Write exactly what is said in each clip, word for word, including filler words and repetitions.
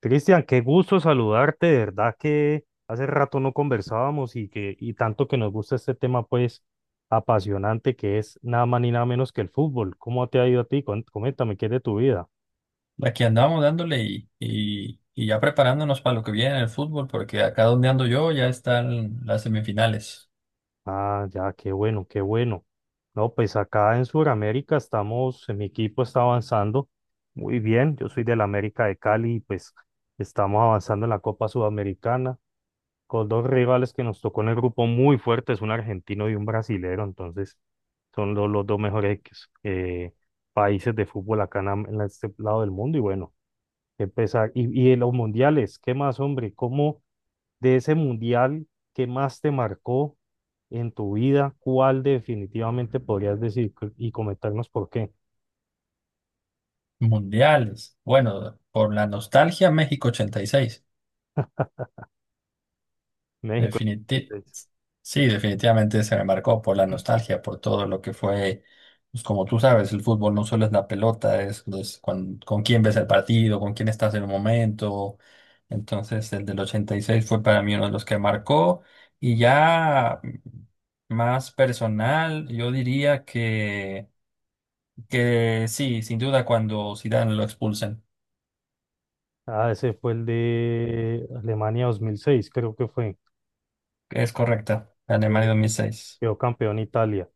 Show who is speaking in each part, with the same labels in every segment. Speaker 1: Cristian, qué gusto saludarte, de verdad que hace rato no conversábamos, y que y tanto que nos gusta este tema, pues, apasionante, que es nada más ni nada menos que el fútbol. ¿Cómo te ha ido a ti? Cuen- Coméntame, ¿qué es de tu vida?
Speaker 2: Aquí andamos dándole y, y, y ya preparándonos para lo que viene en el fútbol, porque acá donde ando yo ya están las semifinales
Speaker 1: Ah, ya, qué bueno, qué bueno. No, pues acá en Sudamérica estamos, en mi equipo está avanzando muy bien. Yo soy del América de Cali y pues estamos avanzando en la Copa Sudamericana con dos rivales que nos tocó en el grupo muy fuertes, un argentino y un brasilero. Entonces, son lo- los, dos mejores eh, países de fútbol acá en, am- en este lado del mundo y, bueno, qué pesar. Y, y en los mundiales, ¿qué más, hombre? ¿Cómo, de ese mundial que más te marcó en tu vida, cuál definitivamente podrías decir c- y comentarnos por qué?
Speaker 2: mundiales. Bueno, por la nostalgia, México ochenta y seis.
Speaker 1: México.
Speaker 2: Definiti-
Speaker 1: ochenta y seis.
Speaker 2: sí, Definitivamente se me marcó por la nostalgia, por todo lo que fue. Pues como tú sabes, el fútbol no solo es la pelota, es, es con, con quién ves el partido, con quién estás en el momento. Entonces, el del ochenta y seis fue para mí uno de los que marcó. Y ya. Más personal, yo diría que, que sí, sin duda cuando Zidane lo expulsan.
Speaker 1: Ah, ese fue el de Alemania dos mil seis, creo que fue.
Speaker 2: Es correcta, la Alemania dos mil seis.
Speaker 1: Quedó campeón Italia.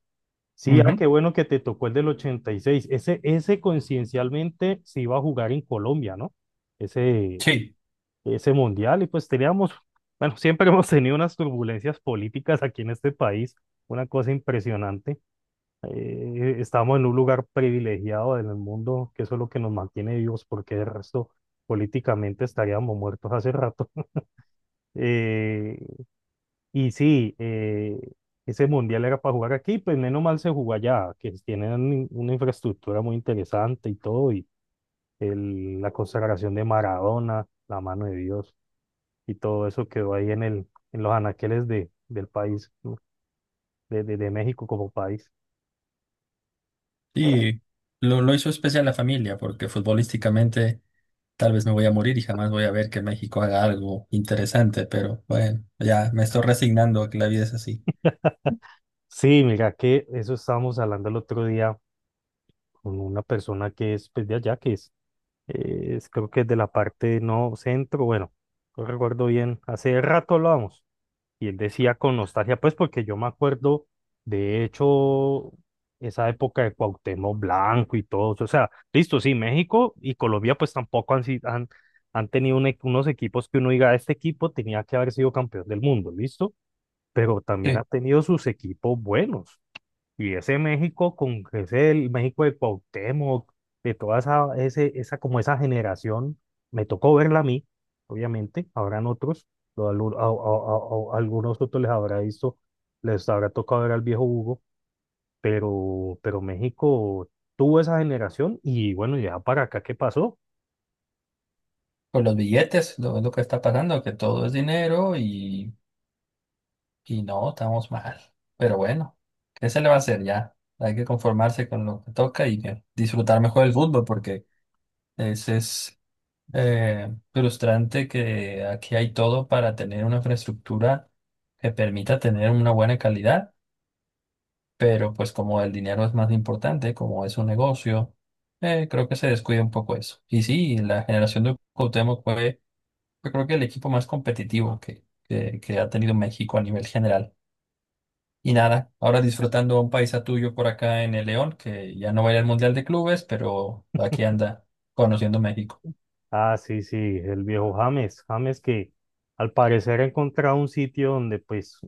Speaker 1: Sí, ah,
Speaker 2: Ujú.
Speaker 1: qué bueno que te tocó el del ochenta y seis. Ese, ese coincidencialmente se iba a jugar en Colombia, ¿no? Ese,
Speaker 2: Sí,
Speaker 1: ese mundial y, pues, teníamos, bueno, siempre hemos tenido unas turbulencias políticas aquí en este país, una cosa impresionante. Eh, estamos en un lugar privilegiado en el mundo, que eso es lo que nos mantiene vivos, porque de resto políticamente estaríamos muertos hace rato. Eh, y sí, eh, ese mundial era para jugar aquí, pues menos mal se jugó allá, que tienen una infraestructura muy interesante y todo, y el- la consagración de Maradona, la mano de Dios, y todo eso quedó ahí en el, en los anaqueles de, del país, ¿no? de, de, de México como país.
Speaker 2: y lo, lo hizo especial la familia, porque futbolísticamente tal vez me voy a morir y jamás voy a ver que México haga algo interesante, pero bueno, ya me estoy resignando a que la vida es así.
Speaker 1: Sí, mira que eso estábamos hablando el otro día con una persona que es, pues, de allá, que es, eh, es creo que es de la parte no centro. Bueno, no recuerdo bien, hace rato hablamos. Y él decía con nostalgia, pues porque yo me acuerdo, de hecho, esa época de Cuauhtémoc Blanco y todo eso. O sea, listo, sí, México y Colombia pues tampoco han, si- han, han tenido un e- unos equipos que uno diga, este equipo tenía que haber sido campeón del mundo, listo, pero también ha
Speaker 2: Sí,
Speaker 1: tenido sus equipos buenos. Y ese México, con ese el México de Cuauhtémoc, de toda esa, ese, esa, como esa generación, me tocó verla a mí. Obviamente, habrán otros, o algu- a- a- a- a- algunos otros les habrá visto, les habrá tocado ver al viejo Hugo. Pero, pero México tuvo esa generación y, bueno, ya para acá, ¿qué pasó?
Speaker 2: con los billetes, lo, lo que está pasando, que todo es dinero. y Y no, estamos mal. Pero bueno, ¿qué se le va a hacer ya? Hay que conformarse con lo que toca y eh, disfrutar mejor el fútbol porque es, es eh, frustrante que aquí hay todo para tener una infraestructura que permita tener una buena calidad, pero pues como el dinero es más importante, como es un negocio, eh, creo que se descuida un poco eso. Y sí, la generación de Cuauhtémoc fue, yo creo que el equipo más competitivo que, que que ha tenido México a nivel general. Y nada, ahora disfrutando un paisa tuyo por acá en el León, que ya no va a ir al Mundial de Clubes, pero aquí anda conociendo México.
Speaker 1: Ah, sí, sí, el viejo James, James que al parecer ha encontrado un sitio donde, pues,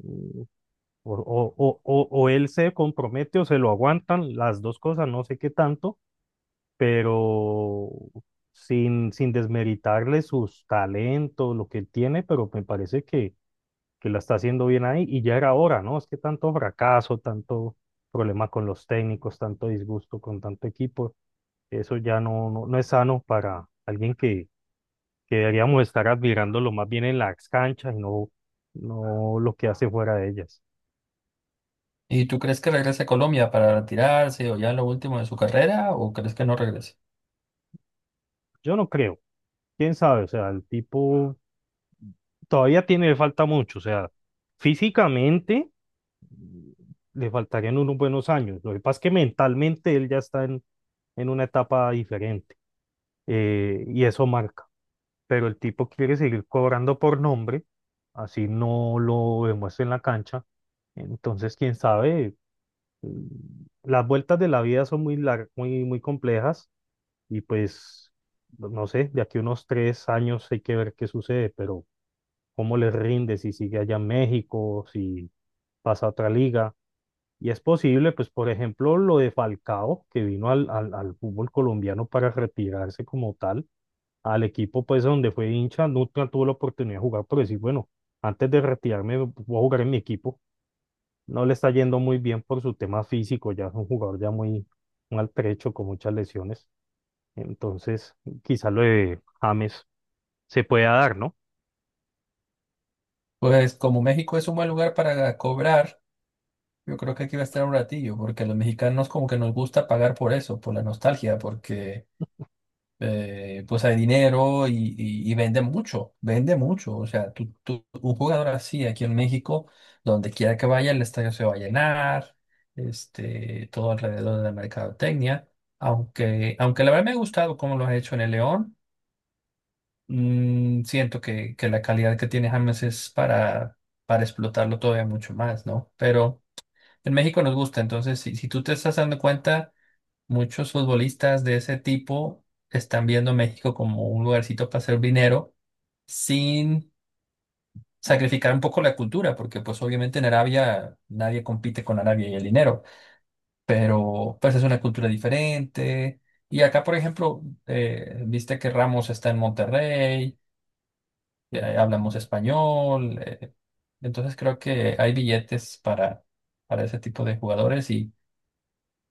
Speaker 1: O, o- o- o- o él se compromete o se lo aguantan, las dos cosas, no sé qué tanto, pero sin, sin desmeritarle sus talentos, lo que él tiene, pero me parece que, que la está haciendo bien ahí y ya era hora, ¿no? Es que tanto fracaso, tanto problema con los técnicos, tanto disgusto con tanto equipo, eso ya no, no, no es sano para alguien que, que deberíamos estar admirándolo más bien en las canchas y no, no lo que hace fuera de ellas.
Speaker 2: ¿Y tú crees que regrese a Colombia para retirarse o ya lo último de su carrera o crees que no regrese?
Speaker 1: Yo no creo, quién sabe. O sea, el tipo todavía tiene, le falta mucho, o sea, físicamente, mm, le faltarían unos buenos años. Lo que pasa es que mentalmente él ya está en, en una etapa diferente, eh, y eso marca. Pero el tipo quiere seguir cobrando por nombre, así no lo demuestra en la cancha. Entonces, quién sabe. Mm, las vueltas de la vida son muy largas, muy, muy complejas y, pues, no sé, de aquí a unos tres años hay que ver qué sucede, pero cómo les rinde si sigue allá en México, si pasa a otra liga. Y es posible, pues, por ejemplo, lo de Falcao, que vino al, al, al fútbol colombiano para retirarse como tal, al equipo, pues, donde fue hincha, nunca tuvo la oportunidad de jugar, pero decir, bueno, antes de retirarme voy a jugar en mi equipo. No le está yendo muy bien por su tema físico, ya es un jugador ya muy maltrecho, con muchas lesiones. Entonces, quizás lo de James se pueda dar, ¿no?
Speaker 2: Pues como México es un buen lugar para cobrar, yo creo que aquí va a estar un ratillo, porque a los mexicanos como que nos gusta pagar por eso, por la nostalgia, porque eh, pues hay dinero y, y, y vende mucho, vende mucho. O sea, tú, tú- un jugador así aquí en México, donde quiera que vaya, el estadio se va a llenar. Este, todo alrededor de la mercadotecnia. Aunque, aunque la verdad me ha gustado cómo lo has hecho en el León. Mm, siento que, que la calidad que tiene James es para, para explotarlo todavía mucho más, ¿no? Pero en México nos gusta. Entonces si, si tú te estás dando cuenta, muchos futbolistas de ese tipo están viendo a México como un lugarcito para hacer dinero sin sacrificar un poco la cultura, porque pues obviamente en Arabia nadie compite con Arabia y el dinero, pero pues es una cultura diferente. Y acá, por ejemplo, eh, viste que Ramos está en Monterrey,
Speaker 1: Mm,
Speaker 2: eh,
Speaker 1: o
Speaker 2: hablamos español, eh, entonces creo que hay billetes para, para ese tipo de jugadores y,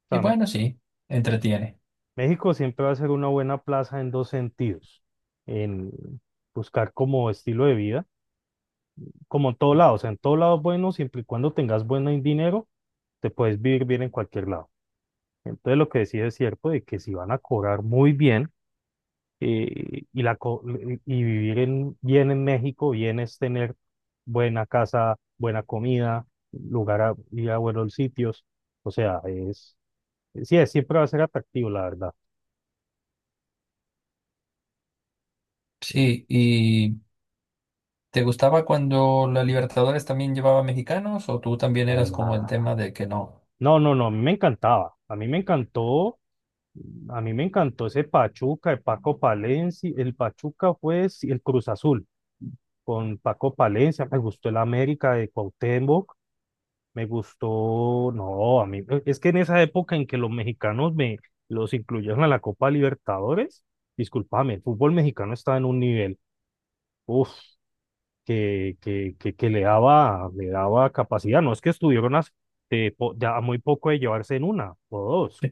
Speaker 2: y
Speaker 1: sea,
Speaker 2: bueno, sí,
Speaker 1: me-
Speaker 2: entretiene.
Speaker 1: México siempre va a ser una buena plaza en dos sentidos, en buscar como estilo de vida, como en todo lado, o sea, en todo lado es bueno, siempre y cuando tengas buen dinero, te puedes vivir bien en cualquier lado. Entonces, lo que decía es cierto, de que si van a cobrar muy bien, eh, y, la, co- y vivir en- bien en México, bien, es tener buena casa, buena comida, lugar a, ir a buenos sitios, o sea, es, sí, es- siempre va a ser atractivo, la verdad.
Speaker 2: Sí, y ¿te gustaba cuando la Libertadores también llevaba mexicanos o tú también eras como el
Speaker 1: Calma.
Speaker 2: tema de que no?
Speaker 1: No, no, no, a mí me encantaba. A mí me encantó, a mí me encantó ese Pachuca, el Paco Palencia, el Pachuca fue, sí, el Cruz Azul con Paco Palencia, me gustó el América de Cuauhtémoc, me gustó. No, a mí e, es que en esa época en que los mexicanos me los incluyeron a la Copa Libertadores, discúlpame, el fútbol mexicano estaba en un nivel, uff, que, que, que, que le daba, le daba capacidad, no es que estuvieron a, de po- de a muy poco de llevarse en una o dos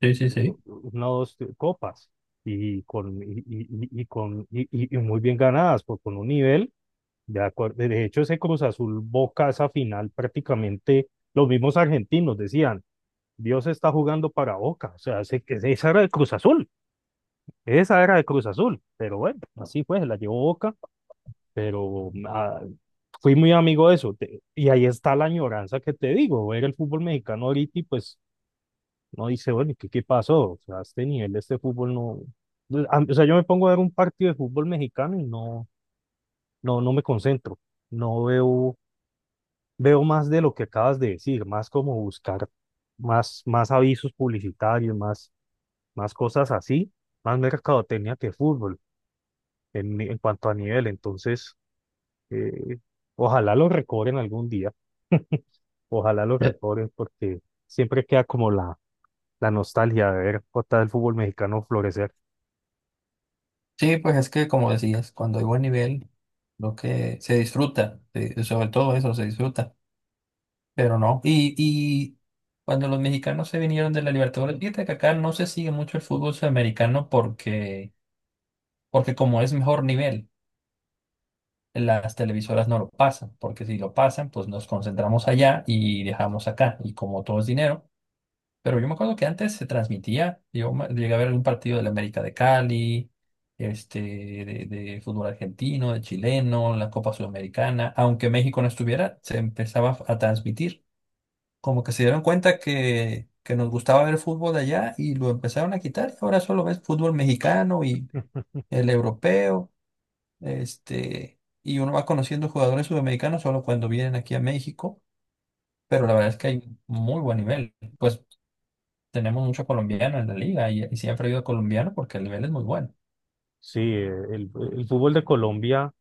Speaker 2: Sí, sí, sí, sí.
Speaker 1: una o dos copas y con, y, y- y- y con y, y- y muy bien ganadas, por con un nivel, de acuerdo. De hecho, ese Cruz Azul Boca, esa final, prácticamente los mismos argentinos decían: Dios está jugando para Boca. O sea, ese- ese- esa era de Cruz Azul, esa era de Cruz Azul, pero, bueno, así fue, se la llevó Boca. Pero, ah, fui muy amigo de eso, te- y ahí está la añoranza que te digo, ver el fútbol mexicano ahorita y pues no dice, bueno, ¿y qué, qué pasó? O sea, a este nivel de este fútbol no... Pues, a- o sea, yo me pongo a ver un partido de fútbol mexicano y no, no, no me concentro. No veo, veo más de lo que acabas de decir, más como buscar más, más avisos publicitarios, más, más cosas así, más mercadotecnia que fútbol en, ni- en cuanto a nivel. Entonces, eh, ojalá lo recobren algún día, ojalá lo
Speaker 2: Ya.
Speaker 1: recobren, porque siempre queda como la, la nostalgia de ver otra vez el fútbol mexicano florecer.
Speaker 2: Sí, pues es que como decías, cuando hay buen nivel, lo que se disfruta, eh, sobre todo eso se disfruta, pero no. Y, y cuando los mexicanos se vinieron de la Libertadores, fíjate que acá no se sigue mucho el fútbol sudamericano porque, porque como es mejor nivel, las televisoras no lo pasan, porque si lo pasan, pues nos concentramos allá y dejamos acá, y como todo es dinero. Pero yo me acuerdo que antes se transmitía, yo me- llegué a ver algún partido de la América de Cali, este, de, de fútbol argentino, de chileno, la Copa Sudamericana, aunque México no estuviera, se empezaba a transmitir. Como que se dieron cuenta que, que nos gustaba ver fútbol allá y lo empezaron a quitar y ahora solo ves fútbol mexicano y el europeo, este, y uno va conociendo jugadores sudamericanos solo cuando vienen aquí a México, pero la verdad es que hay muy buen nivel. Pues tenemos muchos colombianos en la liga y, y siempre ha habido colombianos porque el nivel es muy bueno.
Speaker 1: Sí, eh, el, el fútbol de Colombia,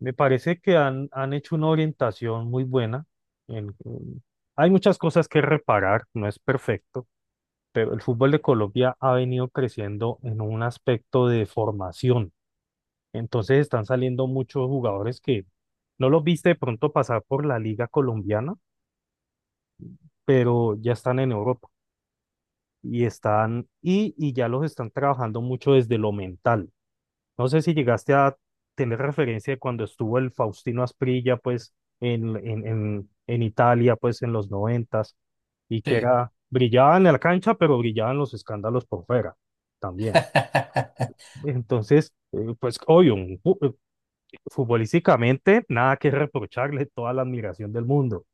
Speaker 1: me parece que han, han hecho una orientación muy buena. en- en- Hay muchas cosas que reparar, no es perfecto, pero el fútbol de Colombia ha venido creciendo en un aspecto de formación. Entonces, están saliendo muchos jugadores que no los viste de pronto pasar por la liga colombiana, pero ya están en Europa y están y, y ya los están trabajando mucho desde lo mental. No sé si llegaste a tener referencia de cuando estuvo el Faustino Asprilla, pues, en, en, en, en Italia, pues, en los noventas, y que
Speaker 2: Sí.
Speaker 1: era, brillaba en la cancha, pero brillaban los escándalos por fuera, también. Entonces, eh, pues, obvio, un fu- eh, futbolísticamente, nada que reprocharle, toda la admiración del mundo,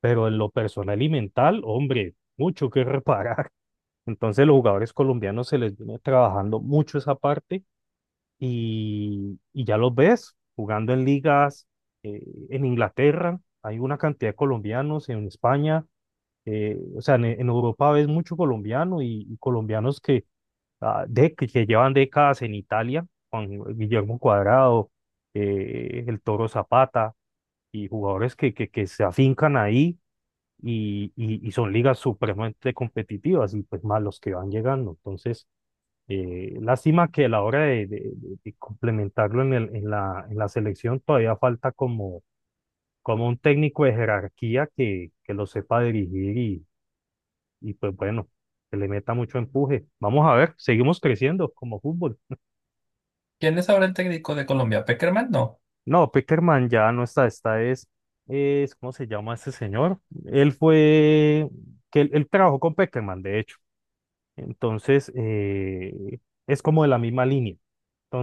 Speaker 1: pero en lo personal y mental, hombre, mucho que reparar. Entonces, los jugadores colombianos se les viene trabajando mucho esa parte, y, y ya los ves jugando en ligas, eh, en Inglaterra, hay una cantidad de colombianos en España, eh, o sea, en, en Europa ves mucho colombiano, y, y colombianos que, ah, de, que, que llevan décadas en Italia, con Guillermo Cuadrado, eh, el Toro Zapata, y jugadores que, que, que se afincan ahí. Y, y, y son ligas supremamente competitivas y, pues, más los que van llegando. Entonces, eh, lástima que a la hora de, de- de- de complementarlo en el- en la, en la selección, todavía falta como, como un técnico de jerarquía que, que lo sepa dirigir, y, y pues, bueno, que le meta mucho empuje. Vamos a ver, seguimos creciendo como fútbol.
Speaker 2: ¿Quién es ahora el técnico de Colombia? ¿Peckerman? No.
Speaker 1: No, Peckerman ya no está. Esta es, es, ¿cómo se llama este señor? Él fue, que él, él trabajó con Peckerman, de hecho. Entonces, eh, es como de la misma línea.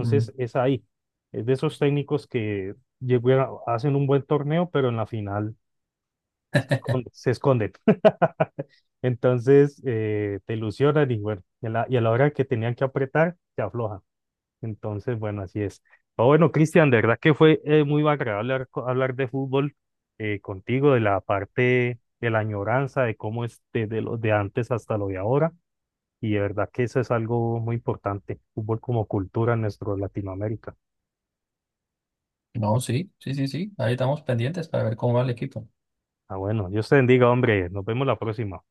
Speaker 2: Mm.
Speaker 1: es ahí. Es de esos técnicos que llegan, hacen un buen torneo, pero en la final se esconden, se esconden. Entonces, eh, te ilusionan y, bueno, y a la, y a la hora que tenían que apretar, se aflojan. Entonces, bueno, así es. Pero, bueno, Cristian, de verdad que fue eh, muy agradable hablar, co- hablar de fútbol, eh, contigo, de la parte de la añoranza, de cómo es desde lo de antes hasta lo de ahora. Y de verdad que eso es algo muy importante, fútbol como cultura en nuestro Latinoamérica.
Speaker 2: No, sí, sí, sí, sí. Ahí estamos pendientes para ver cómo va el equipo.
Speaker 1: Ah, bueno, Dios te bendiga, hombre. Nos vemos la próxima.